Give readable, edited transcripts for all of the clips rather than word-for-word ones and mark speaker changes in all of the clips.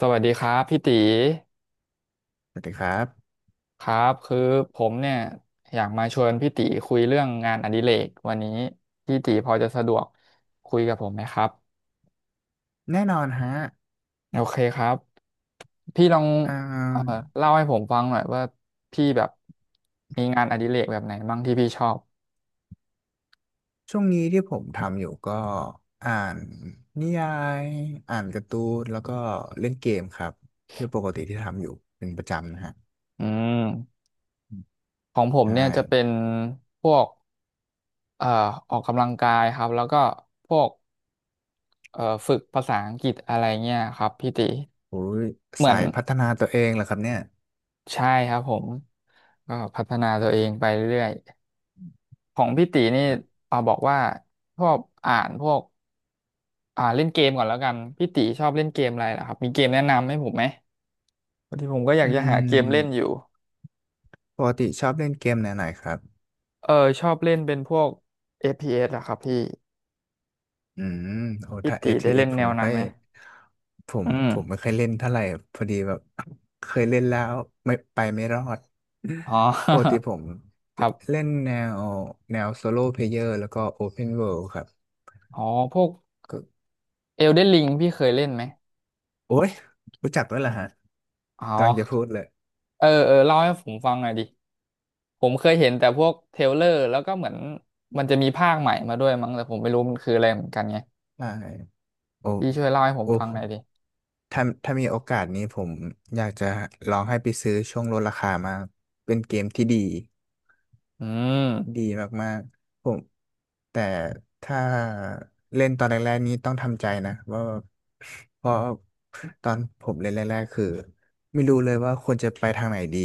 Speaker 1: สวัสดีครับพี่ตี
Speaker 2: สวัสดีครับ
Speaker 1: ครับคือผมเนี่ยอยากมาชวนพี่ตีคุยเรื่องงานอดิเรกวันนี้พี่ตีพอจะสะดวกคุยกับผมไหมครับ
Speaker 2: แน่นอนฮะ
Speaker 1: โอเคครับพี่ลอง
Speaker 2: อ่า
Speaker 1: เอ่อเล่าให้ผมฟังหน่อยว่าพี่แบบมีงานอดิเรกแบบไหนบ้างที่พี่ชอบ
Speaker 2: ช่วงนี้ที่ผมทำอยู่ก็อ่านนิยายอ่านการ์ตูนแล้วก็เล่นเกมครับที่ปกติที่ทำอยู่เป็นประจำนะฮะ
Speaker 1: อืมของผม
Speaker 2: ใช่
Speaker 1: เนี่ยจะเป็นพวกเอ่อออกกำลังกายครับแล้วก็พวกฝึกภาษาอังกฤษอะไรเงี้ยครับพี่ตี
Speaker 2: โอ้ย
Speaker 1: เหมือ
Speaker 2: สา
Speaker 1: น
Speaker 2: ยพัฒนาตัวเองเหรอครับเนี่ย
Speaker 1: ใช่ครับผมก็พัฒนาตัวเองไปเรื่อยๆของพี่ตีนี่
Speaker 2: ครับ
Speaker 1: เอาบอกว่าชอบอ่านพวกอ่าเล่นเกมก่อนแล้วกันพี่ตีชอบเล่นเกมอะไรล่ะครับมีเกมแนะนำให้ผมไหมพอดีผมก็อยา
Speaker 2: อื
Speaker 1: กจะหาเกมเล่นอ
Speaker 2: ม
Speaker 1: ยู่
Speaker 2: ปกติชอบเล่นเกมแนวไหนครับ
Speaker 1: เออชอบเล่นเป็นพวก FPS เหอะครับพี่
Speaker 2: อืมโอ้
Speaker 1: พี่
Speaker 2: ถ้า
Speaker 1: ตีได้เล่
Speaker 2: ATS
Speaker 1: น
Speaker 2: ผ
Speaker 1: แน
Speaker 2: ม
Speaker 1: ว
Speaker 2: ไม่
Speaker 1: นั้
Speaker 2: ค่
Speaker 1: น
Speaker 2: อย
Speaker 1: ไหม
Speaker 2: ผม
Speaker 1: อืม
Speaker 2: ผมไม่ค่อยเล่นเท่าไหร่พอดีแบบ เคยเล่นแล้วไม่ไปไม่รอด
Speaker 1: อ๋
Speaker 2: ปกติ
Speaker 1: อ
Speaker 2: ผม
Speaker 1: ค
Speaker 2: จะ
Speaker 1: รับ
Speaker 2: เล่นวแนวโซโล่เพลเยอร์แล้วก็ Open World ครับ
Speaker 1: อ๋อพวก
Speaker 2: ก็
Speaker 1: Elden Ring พี่เคยเล่นไหม
Speaker 2: โอ้ยรู้จักด้วยเหรอฮะ
Speaker 1: อ๋อ
Speaker 2: กำลังจะพูดเลย
Speaker 1: เออเออเล่าให้ผมฟังหน่อยดิ ผมเคยเห็นแต่พวกเทรลเลอร์แล้วก็เหมือนมันจะมีภาคใหม่มาด้วยมั้งแต่ผมไม่รู้มันคืออะไรเหมือนกันไง
Speaker 2: ใช่โอ้
Speaker 1: พี่ช่วยเล่าให้ผม
Speaker 2: โอ้
Speaker 1: ฟัง
Speaker 2: ผ
Speaker 1: หน่
Speaker 2: ม
Speaker 1: อยดิ
Speaker 2: ถ้ามีโอกาสนี้ผมอยากจะลองให้ไปซื้อช่วงลดราคามากเป็นเกมที่ดี
Speaker 1: อื
Speaker 2: ดี
Speaker 1: ม
Speaker 2: มากๆผมแต่ถ้าเล่นตอนแรกๆนี้ต้องทำใจนะว่าเพราะตอนผมเล่นแรกๆคือไม่รู้เลยว่าควรจะไปทางไหนดี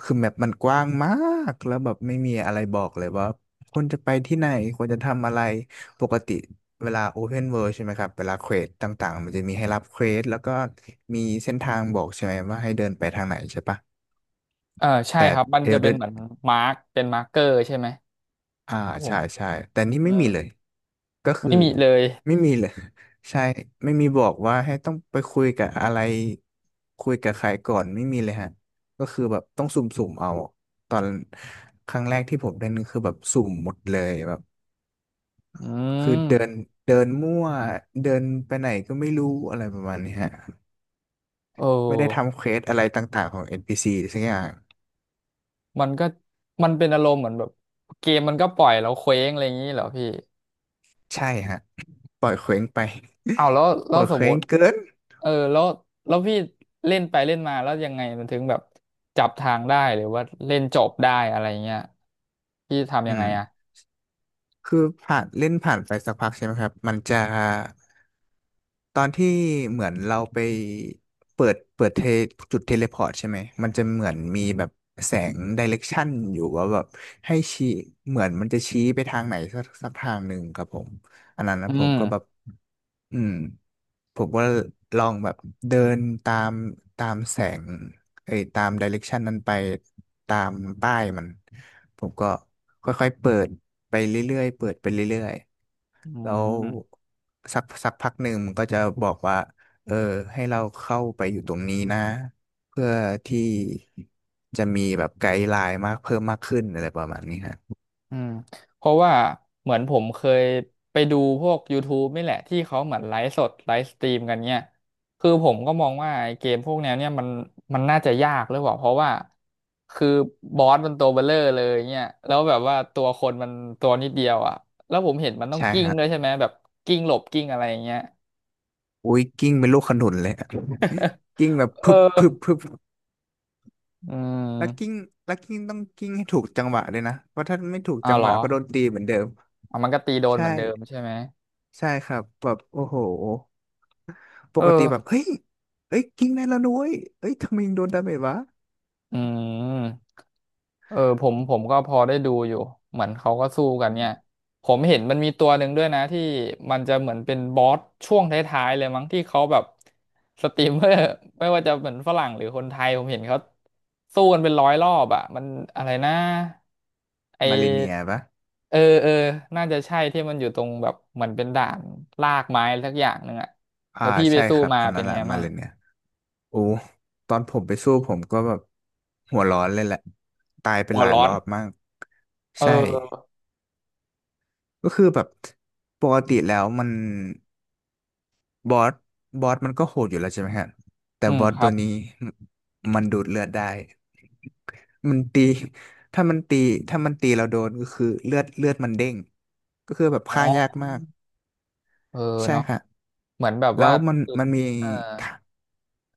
Speaker 2: คือแมปมันกว้างมากแล้วแบบไม่มีอะไรบอกเลยว่าควรจะไปที่ไหนควรจะทำอะไรปกติเวลา Open World ใช่ไหมครับเวลาเควสต่างๆมันจะมีให้รับเควสแล้วก็มีเส้นทางบอกใช่ไหมว่าให้เดินไปทางไหนใช่ปะ
Speaker 1: เออใช่
Speaker 2: แต่
Speaker 1: ครับมันจะเป็น
Speaker 2: Elden
Speaker 1: เหมือนมาร์กเกอร์ใช่ไหม
Speaker 2: อ่า
Speaker 1: ครับผม
Speaker 2: ใช่ใช่แต่นี่
Speaker 1: อื
Speaker 2: ไม่มี
Speaker 1: ม
Speaker 2: เลยก็คื
Speaker 1: ไม่
Speaker 2: อ
Speaker 1: มีเลย
Speaker 2: ไม่มีเลย ใช่ไม่มีบอกว่าให้ต้องไปคุยกับอะไรคุยกับใครก่อนไม่มีเลยฮะก็คือแบบต้องสุ่มๆเอาตอนครั้งแรกที่ผมเดินคือแบบสุ่มหมดเลยแบบ
Speaker 1: อื
Speaker 2: คือ
Speaker 1: ม
Speaker 2: เดินเดินมั่วเดินไปไหนก็ไม่รู้อะไรประมาณนี้ฮะ
Speaker 1: โอ
Speaker 2: ไม่ได้
Speaker 1: ้
Speaker 2: ทำเควสอะไรต่างๆของ NPC สักอย่าง
Speaker 1: มันเป็นอารมณ์เหมือนแบบเกมมันก็ปล่อยเราเคว้งอะไรอย่างนี้เหรอพี่
Speaker 2: ใช่ฮะ ปล่อยเคว้งไป
Speaker 1: อ้าวแล้ว
Speaker 2: ป
Speaker 1: แล้
Speaker 2: ล่
Speaker 1: ว
Speaker 2: อย
Speaker 1: ส
Speaker 2: เค
Speaker 1: มม
Speaker 2: ว้ง
Speaker 1: ติ
Speaker 2: เกิน
Speaker 1: เออแล้วพี่เล่นไปเล่นมาแล้วยังไงมันถึงแบบจับทางได้หรือว่าเล่นจบได้อะไรเงี้ยพี่ทำ
Speaker 2: อื
Speaker 1: ยังไง
Speaker 2: ม
Speaker 1: อ่ะ
Speaker 2: คือผ่านเล่นผ่านไปสักพักใช่ไหมครับมันจะตอนที่เหมือนเราไปเปิดเทจุดเทเลพอร์ตใช่ไหมมันจะเหมือนมีแบบแสงไดเรกชันอยู่ว่าแบบให้ชี้เหมือนมันจะชี้ไปทางไหนสักทางหนึ่งครับผมอันนั้น
Speaker 1: อื
Speaker 2: นะผม
Speaker 1: ม
Speaker 2: ก็แบบอืมผมก็ลองแบบเดินตามตามแสงเอ้ยตามไดเรกชันนั้นไปตามป้ายมันผมก็ค่อยๆเปิด ไปเรื่อยๆ เปิดไปเรื่อย
Speaker 1: อื
Speaker 2: ๆแล้ว
Speaker 1: ม
Speaker 2: สักพักหนึ่งมันก็จะบอกว่าเออให้เราเข้าไปอยู่ตรงนี้นะเพื่อที่จะมีแบบไกด์ไลน์มากเพิ่มมากขึ้นอะไรประมาณนี้ฮะ
Speaker 1: อืมเพราะว่าเหมือนผมเคยไปดูพวก YouTube นี่แหละที่เขาเหมือนไลฟ์สดไลฟ์สตรีมกันเนี่ยคือผมก็มองว่าไอ้เกมพวกแนวเนี่ยมันน่าจะยากหรือเปล่าเพราะว่าคือบอสมันตัวเบลเลอร์เลยเนี่ยแล้วแบบว่าตัวคนมันตัวนิดเดียวอ่ะแล้วผมเห็นมันต้อง
Speaker 2: ใช่
Speaker 1: กิ้งด้วย
Speaker 2: ฮะ
Speaker 1: ใช่ไหมแบบกิ้งหลบกิ้งอะไรอย่างเงี้ย
Speaker 2: อุ้ยกิ้งเป็นลูกขนุนเลยอะกิ้งแบบ
Speaker 1: เอ
Speaker 2: พึบ
Speaker 1: อ
Speaker 2: พึบพึบ
Speaker 1: อื
Speaker 2: แล้วกิ้ง
Speaker 1: ม
Speaker 2: แล้วกิ้งต้องกิ้งให้ถูกจังหวะด้วยนะเพราะถ้าไม่ถูกจั
Speaker 1: อ้าว
Speaker 2: ง
Speaker 1: เห
Speaker 2: ห
Speaker 1: ร
Speaker 2: วะ
Speaker 1: อ
Speaker 2: ก็โดนตีเหมือนเดิม
Speaker 1: อ่ะมันก็ตีโดน
Speaker 2: ใช่
Speaker 1: เหมือนเดิมใช่ไหม
Speaker 2: ใช่ครับแบบโอ้โหป
Speaker 1: เออ
Speaker 2: กติแบบเฮ้ยเฮ้ยกิ้งได้แล้วนุ้ยเอ้ยทำไมยังโดนดาเมจวะ
Speaker 1: อืม เออผมก็พอได้ดูอยู่เหมือนเขาก็สู้กันเนี่ยผมเห็นมันมีตัวหนึ่งด้วยนะที่มันจะเหมือนเป็นบอสช่วงท้ายๆเลยมั้งที่เขาแบบสตรีมเมอร์ ไม่ว่าจะเหมือนฝรั่งหรือคนไทยผมเห็นเขาสู้กันเป็นร้อยรอบอ่ะมันอะไรนะไ
Speaker 2: มาเลเนีย
Speaker 1: อ
Speaker 2: ปะ
Speaker 1: เออเออน่าจะใช่ที่มันอยู่ตรงแบบเหมือนเป็นด่านลากไม้สักอย่างหนึ่งอ่ะ
Speaker 2: อ่า
Speaker 1: แล้วพี่ไป
Speaker 2: ใช่
Speaker 1: สู้
Speaker 2: ครับ
Speaker 1: มา
Speaker 2: อัน
Speaker 1: เป็
Speaker 2: นั้
Speaker 1: น
Speaker 2: นแห
Speaker 1: ไง
Speaker 2: ละมา
Speaker 1: มั่ง
Speaker 2: เลเนียโอ้ตอนผมไปสู้ผมก็แบบหัวร้อนเลยแหละตายไป
Speaker 1: หั
Speaker 2: ห
Speaker 1: ว
Speaker 2: ลาย
Speaker 1: ร้อ
Speaker 2: ร
Speaker 1: น
Speaker 2: อบมาก
Speaker 1: เอ
Speaker 2: ใช่
Speaker 1: อ
Speaker 2: ก็คือแบบปกติแล้วมันบอสบอสมันก็โหดอยู่แล้วใช่ไหมฮะแต่
Speaker 1: อื
Speaker 2: บ
Speaker 1: ม
Speaker 2: อส
Speaker 1: ครั
Speaker 2: ตัว
Speaker 1: บ
Speaker 2: นี้มันดูดเลือดได้มันตีถ้ามันตีถ้ามันตีเราโดนก็คือเลือดเลือดมันเด้งก็คือแบบ
Speaker 1: อ๋
Speaker 2: ฆ่ายาก
Speaker 1: อ
Speaker 2: มาก
Speaker 1: เออ
Speaker 2: ใช่
Speaker 1: เนาะ
Speaker 2: ค่ะ
Speaker 1: เหมือนแบบ
Speaker 2: แล้
Speaker 1: ว่า
Speaker 2: วมันมี
Speaker 1: เอา
Speaker 2: ท่า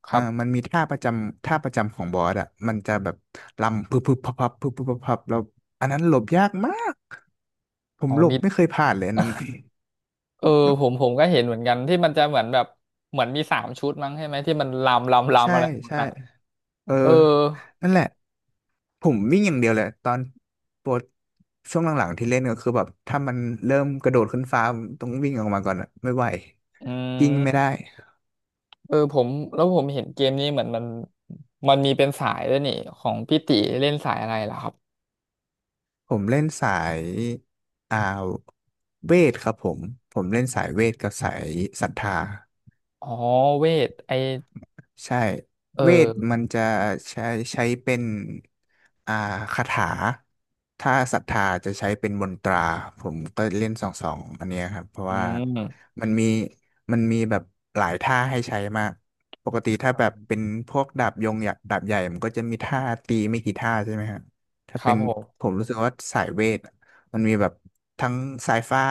Speaker 1: ครับ
Speaker 2: มันมีท่าประจำท่าประจำของบอสอ่ะมันจะแบบลำพึบพึบพับพับพึบพึบพับพับแล้วอันนั้นหลบยากมากผ
Speaker 1: อ๋
Speaker 2: ม
Speaker 1: อ
Speaker 2: หลบ
Speaker 1: มี
Speaker 2: ไม่เคยผ่านเลยอันนั้น น่ะ
Speaker 1: เออผมก็เห็นเหมือนกันที่มันจะเหมือนแบบเหมือนมีสามชุดมั้งใช่ไหมที่มันลำลำ ลำ
Speaker 2: ใช่
Speaker 1: อะไรหมด
Speaker 2: ใช่
Speaker 1: อ่ะ
Speaker 2: เออ
Speaker 1: เออ
Speaker 2: นั่นแหละผมวิ่งอย่างเดียวเลยตอนโปรดช่วงหลังๆที่เล่นก็คือแบบถ้ามันเริ่มกระโดดขึ้นฟ้าผมต้องวิ่งออกมาก่อนอะไม่ไหว
Speaker 1: อื
Speaker 2: กิ้งไม่
Speaker 1: ม
Speaker 2: ได้
Speaker 1: ผมแล้วผมเห็นเกมนี้เหมือนมันมีเป็นสายด้วยนี่ของพี่ติเล่นสายอะไรล่ะครับ
Speaker 2: ผมเล่นสายอ่าเวทครับผมผมเล่นสายเวทกับสายศรัทธา
Speaker 1: อ๋อเวทไอ
Speaker 2: ใช่
Speaker 1: เ
Speaker 2: เวท
Speaker 1: ออ
Speaker 2: มันจะใช้ใช้เป็นอ่าคาถาถ้าศรัทธาจะใช้เป็นมนตราผมก็เล่นสองอันเนี้ยครับเพราะ
Speaker 1: อื
Speaker 2: ว่า
Speaker 1: ม
Speaker 2: มันมีมันมีแบบหลายท่าให้ใช้มากปกติถ้า
Speaker 1: อื
Speaker 2: แบบเป็
Speaker 1: ม
Speaker 2: นพวกดาบยงดาบใหญ่มันก็จะมีท่าตีไม่กี่ท่าใช่ไหมครับถ้า
Speaker 1: ครั
Speaker 2: เป็
Speaker 1: บ
Speaker 2: น
Speaker 1: ผม
Speaker 2: ผมรู้สึกว่าสายเวทมันมีแบบทั้งสายฟ้า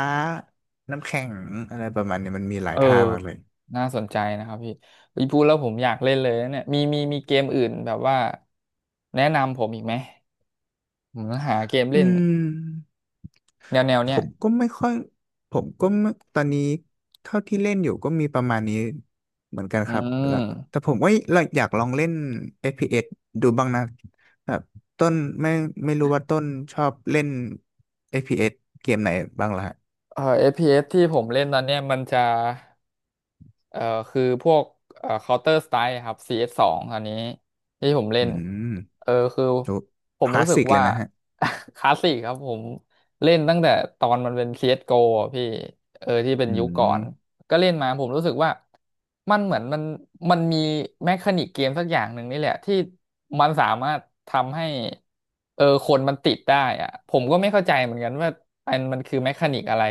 Speaker 2: น้ำแข็งอะไรประมาณเนี้ยมันมีหลา
Speaker 1: เอ
Speaker 2: ย
Speaker 1: อ
Speaker 2: ท่ามากเลย
Speaker 1: น่าสนใจนะครับพี่พี่พูดแล้วผมอยากเล่นเลยนะเนี่ยมี มีเกมอื่นแบบว่าแนะนำผมอีกไหม อืมหาเกม
Speaker 2: อื
Speaker 1: เล่น
Speaker 2: ม
Speaker 1: แนว
Speaker 2: ผ
Speaker 1: เนี้ย
Speaker 2: มก็ไม่ค่อยผมก็ไม่ตอนนี้เท่าที่เล่นอยู่ก็มีประมาณนี้เหมือนกัน
Speaker 1: อื
Speaker 2: ครับแล้วแต่
Speaker 1: ม
Speaker 2: ผมก็อยากลองเล่น FPS ดูบ้างนะแบบต้นไม่ไม่รู้ว่าต้นชอบเล่น FPS เอสเกมไหนบ้างล่ะฮะ
Speaker 1: เอ s ที่ผมเล่นตอนเนี้ยมันจะเอ่อคือพวกCounter Strike ครับซีเอสสองตอนนี้ที่ผมเล่
Speaker 2: อื
Speaker 1: น
Speaker 2: ม
Speaker 1: เออ คือ
Speaker 2: ดู
Speaker 1: ผ
Speaker 2: ค
Speaker 1: ม
Speaker 2: ลา
Speaker 1: รู้
Speaker 2: ส
Speaker 1: สึ
Speaker 2: สิ
Speaker 1: ก
Speaker 2: กเล
Speaker 1: ว่า
Speaker 2: ยนะฮะ
Speaker 1: คลาสสิกครับผมเล่นตั้งแต่ตอนมันเป็นซี c s g โกอะพี่ เออ ที่เป็น
Speaker 2: อื
Speaker 1: ยุคก่อน
Speaker 2: ม
Speaker 1: ก็เล่นมาผมรู้สึกว่ามันเหมือนมันมันมีแมคานิกเกมสักอย่างหนึ่งนี่แหละที่มันสามารถทำให้เออคนมันติดได้อะผมก็ไม่เข้าใจเหมือนกันว่าอันมันคือแมคานิกอะไร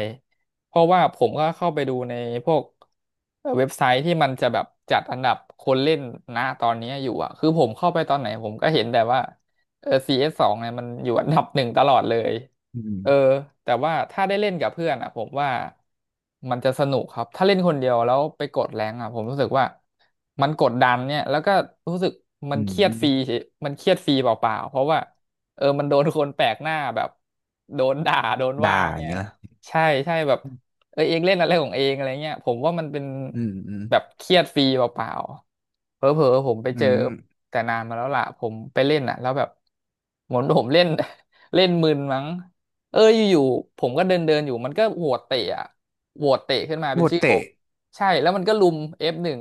Speaker 1: เพราะว่าผมก็เข้าไปดูในพวกเว็บไซต์ที่มันจะแบบจัดอันดับคนเล่นนะตอนนี้อยู่อะคือผมเข้าไปตอนไหนผมก็เห็นแต่ว่าเออซีเอสสองเนี่ยมันอยู่อันดับหนึ่งตลอดเลย
Speaker 2: อืม
Speaker 1: เออแต่ว่าถ้าได้เล่นกับเพื่อนอ่ะผมว่ามันจะสนุกครับถ้าเล่นคนเดียวแล้วไปกดแรงอ่ะผมรู้สึกว่ามันกดดันเนี่ยแล้วก็รู้สึกมั
Speaker 2: อื
Speaker 1: นเครียดฟรี
Speaker 2: ม
Speaker 1: เฉยมันเครียดฟรีเปล่าๆเพราะว่าเออมันโดนคนแปลกหน้าแบบโดนด่าโดน
Speaker 2: ด่า
Speaker 1: ว่า
Speaker 2: อ
Speaker 1: เนี่
Speaker 2: ย่าง
Speaker 1: ย
Speaker 2: นี้ละ
Speaker 1: ใช่ใช่แบบเออเองเล่นอะไรของเองอะไรเงี้ยผมว่ามันเป็น
Speaker 2: อืมอืม
Speaker 1: แบบเครียดฟรีเปล่าๆเผลอๆผมไปเจ
Speaker 2: อื
Speaker 1: อ
Speaker 2: ม
Speaker 1: แต่นานมาแล้วล่ะผมไปเล่นอ่ะแล้วแบบเหมือนผมเล่น เล่นมึนมั้ง เอออยู่ๆผมก็เดินเดินอยู่มันก็โหวตเตะอะโหวตเตะขึ้นมา
Speaker 2: โห
Speaker 1: เป็น
Speaker 2: ด
Speaker 1: ชื่อผ
Speaker 2: เตะ
Speaker 1: มใช่แล้วมันก็ลุมF1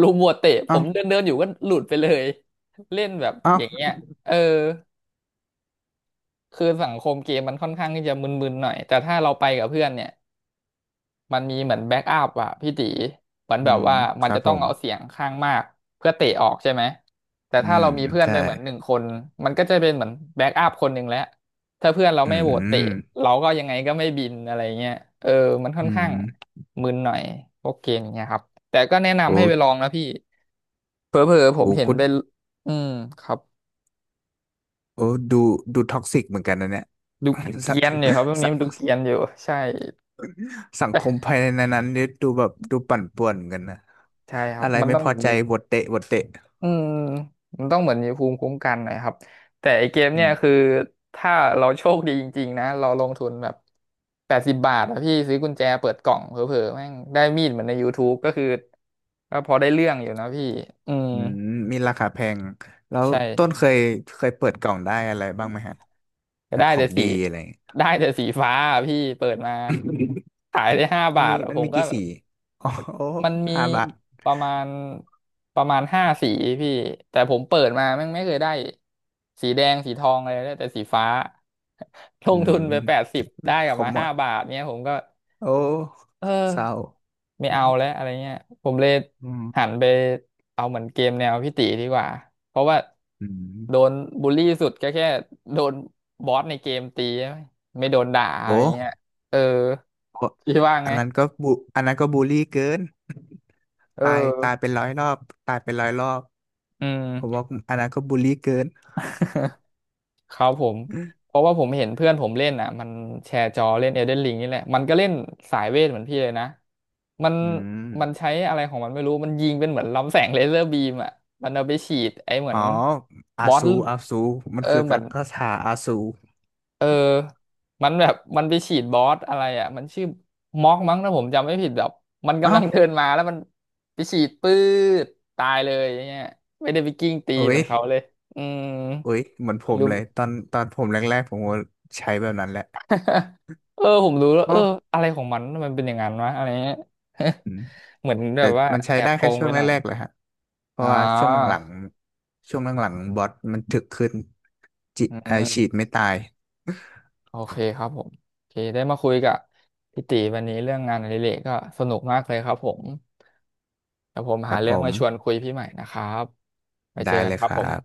Speaker 1: ลุมโหวตเตะผ
Speaker 2: เอ้า
Speaker 1: มเดินเดินอยู่ก็หลุดไปเลยเล่นแบบ
Speaker 2: เอ้า
Speaker 1: อย่างเงี้ยเออคือสังคมเกมมันค่อนข้างที่จะมึนๆหน่อยแต่ถ้าเราไปกับเพื่อนเนี่ย มันมีเหมือนแบ็กอัพอะพี่ตีเหมือน
Speaker 2: อื
Speaker 1: แบบ
Speaker 2: ม
Speaker 1: ว่า
Speaker 2: ค
Speaker 1: มัน
Speaker 2: รับ
Speaker 1: จะ
Speaker 2: ผ
Speaker 1: ต้อง
Speaker 2: ม
Speaker 1: เอาเสียงข้างมากเพื่อเตะออกใช่ไหมแต่
Speaker 2: อื
Speaker 1: ถ้า
Speaker 2: ม
Speaker 1: เรามีเพื่อน
Speaker 2: ใช่
Speaker 1: ไปเหมือนหนึ่งคนมันก็จะเป็นเหมือนแบ็กอัพคนหนึ่งแล้วถ้าเพื่อนเรา
Speaker 2: อื
Speaker 1: ไม่โหวตเตะ
Speaker 2: ม
Speaker 1: เราก็ยังไงก็ไม่บินอะไรเงี้ยเออมันค่อ
Speaker 2: อื
Speaker 1: น
Speaker 2: ม
Speaker 1: ข้างมึนหน่อยพวกเกมอย่างเงี้ยครับแต่ก็แนะ
Speaker 2: โอ
Speaker 1: นำให้ไปลอง
Speaker 2: ้
Speaker 1: นะพี่เผลอๆผม
Speaker 2: โอ้
Speaker 1: เห็น
Speaker 2: ก็
Speaker 1: เป็นอืมครับ
Speaker 2: โอ้ดูดูท็อกซิกเหมือนกันนะเนี่ย
Speaker 1: ดู เก
Speaker 2: สัง
Speaker 1: รียนอยู่ครับพวกนี้
Speaker 2: สั
Speaker 1: มันดู
Speaker 2: ง
Speaker 1: เกรียนอยู่ใช่
Speaker 2: สังคมภายในนั้นนี่ดูแบบดูปั่นป่วนเหมือนกันนะ
Speaker 1: ใช่ครั
Speaker 2: อะ
Speaker 1: บ
Speaker 2: ไร
Speaker 1: มัน
Speaker 2: ไม่
Speaker 1: ต้อง
Speaker 2: พอ
Speaker 1: แบบ
Speaker 2: ใจ
Speaker 1: นี้
Speaker 2: บทเตะบทเตะ
Speaker 1: อืมมันต้องเหมือนมีภูมิคุ้มกันหนอยครับแต่ไอเกม
Speaker 2: อื
Speaker 1: เนี่ยคือ
Speaker 2: ม
Speaker 1: ถ้าเราโชคดีจริงๆนะเราลงทุนแบบ80 บาทอะพี่ซื้อกุญแจเปิดกล่องเผลอๆแม่งได้มีดเหมือนใน YouTube ก็คือก็พอได้เรื่องอยู่นะพี่อืม
Speaker 2: อืมมีราคาแพงแล้ว
Speaker 1: ใช
Speaker 2: ต้นเค
Speaker 1: ่
Speaker 2: ยเคยเปิดกล่องได้อะไรบ้างไหมฮะ
Speaker 1: ก็
Speaker 2: แบบ
Speaker 1: ได้
Speaker 2: ขอ
Speaker 1: แต่
Speaker 2: ง
Speaker 1: สี
Speaker 2: ดีอะไรอย่างเงี้ย
Speaker 1: ได้แต่สีฟ้าอะพี่เปิดมาขายได้ห้า บาทอะ
Speaker 2: มั
Speaker 1: ผ
Speaker 2: น
Speaker 1: ม
Speaker 2: มี
Speaker 1: ก็
Speaker 2: กี่
Speaker 1: แบ
Speaker 2: สี
Speaker 1: บ
Speaker 2: อ๋อโอ้
Speaker 1: มันมี
Speaker 2: ห้าบาท
Speaker 1: ประมาณประมาณ5 สีพี่แต่ผมเปิดมาแม่งไม่เคยได้สีแดงสีทองอะไรได้แต่สีฟ้า ล
Speaker 2: อื
Speaker 1: งทุนไปแปด
Speaker 2: ม
Speaker 1: สิบได้ก
Speaker 2: ข
Speaker 1: ลับ
Speaker 2: อ
Speaker 1: มา
Speaker 2: หม
Speaker 1: ห้า
Speaker 2: ด
Speaker 1: บาทเนี้ยผมก็
Speaker 2: โอ้
Speaker 1: เอ
Speaker 2: เศร้า
Speaker 1: อไม่เอาแล้วอะไรเงี้ยผมเลย
Speaker 2: อืม
Speaker 1: หันไปเอาเหมือนเกมแนวพี่ตีดีกว่าเพราะว่า
Speaker 2: อืม
Speaker 1: โดนบูลลี่สุดก็แค่โดนบอสในเกมตีไม่โดนด่าอะ
Speaker 2: โอ้
Speaker 1: ไรเงี้ยเออ
Speaker 2: โอ้
Speaker 1: พี่ว่า
Speaker 2: อั
Speaker 1: ไง
Speaker 2: นนั้นก็บูอันนั้นก็บูลลี่เกิน
Speaker 1: เ
Speaker 2: ตายตาย
Speaker 1: ออ
Speaker 2: เป็นร้อยรอบตายเป็นร้อยรอบ
Speaker 1: อื
Speaker 2: ผม
Speaker 1: ม
Speaker 2: ว่าอันนั้นก็บูลลี่เกิน
Speaker 1: ครับผมเพราะว่าผมเห็นเพื่อนผมเล่นอ่ะมันแชร์จอเล่น Elden Ring นี่แหละมันก็เล่นสายเวทเหมือนพี่เลยนะมัน
Speaker 2: อืม
Speaker 1: มันใช้อะไรของมันไม่รู้มันยิงเป็นเหมือนลำแสงเลเซอร์บีมอ่ะมันเอาไปฉีดไอ้เหมือ
Speaker 2: อ๋อ
Speaker 1: น
Speaker 2: อา
Speaker 1: บอส
Speaker 2: ซูอาซูมั
Speaker 1: เอ
Speaker 2: น
Speaker 1: อ
Speaker 2: คือ
Speaker 1: เหมื
Speaker 2: กั
Speaker 1: อน
Speaker 2: กกชาอาซู
Speaker 1: เออมันแบบมันไปฉีดบอสอะไรอ่ะมันชื่อม็อกมั้งถ้าผมจำไม่ผิดแบบมันกำ
Speaker 2: เอ้า
Speaker 1: ลังเดินมาแล้วมันไปฉีดปื๊ดตายเลยอย่างเงี้ยไม่ได้ไปกิ้งตี
Speaker 2: โอ้
Speaker 1: เหมื
Speaker 2: ย
Speaker 1: อนเขาเลยอืม
Speaker 2: โอ้ยเหมือนผม
Speaker 1: รู้
Speaker 2: เลยตอนตอนผมแรกๆผมก็ใช้แบบนั้นแหละ
Speaker 1: ผมรู้แล้วเอ
Speaker 2: ก็
Speaker 1: ออะไรของมันทำไมมันเป็นอย่างนั้นวะอะไรเงี้ย
Speaker 2: อืม
Speaker 1: เหมือนแบ
Speaker 2: แต่
Speaker 1: บว่า
Speaker 2: มันใช้
Speaker 1: แอ
Speaker 2: ได้
Speaker 1: บโก
Speaker 2: แค่
Speaker 1: ง
Speaker 2: ช่ว
Speaker 1: ไป
Speaker 2: งแร
Speaker 1: หน่อย
Speaker 2: กๆเลยฮะเพราะ
Speaker 1: อ่า
Speaker 2: ว่าช่วงหลังๆช่วงหลังๆบอทมันถึกขึ้นจิ
Speaker 1: อื
Speaker 2: ฉี
Speaker 1: ม
Speaker 2: ดไม่ตาย
Speaker 1: โอเคครับผมโอเคได้มาคุยกับพี่ตีวันนี้เรื่องงานอดิเรกก็สนุกมากเลยครับผมแต่ผม
Speaker 2: ค
Speaker 1: หา
Speaker 2: รับ
Speaker 1: เรื่
Speaker 2: ผ
Speaker 1: อง
Speaker 2: ม
Speaker 1: มาชวนคุยพี่ใหม่นะครับไปเจอ
Speaker 2: ได้
Speaker 1: กัน
Speaker 2: เลย
Speaker 1: ครั
Speaker 2: ค
Speaker 1: บผ
Speaker 2: รั
Speaker 1: ม
Speaker 2: บ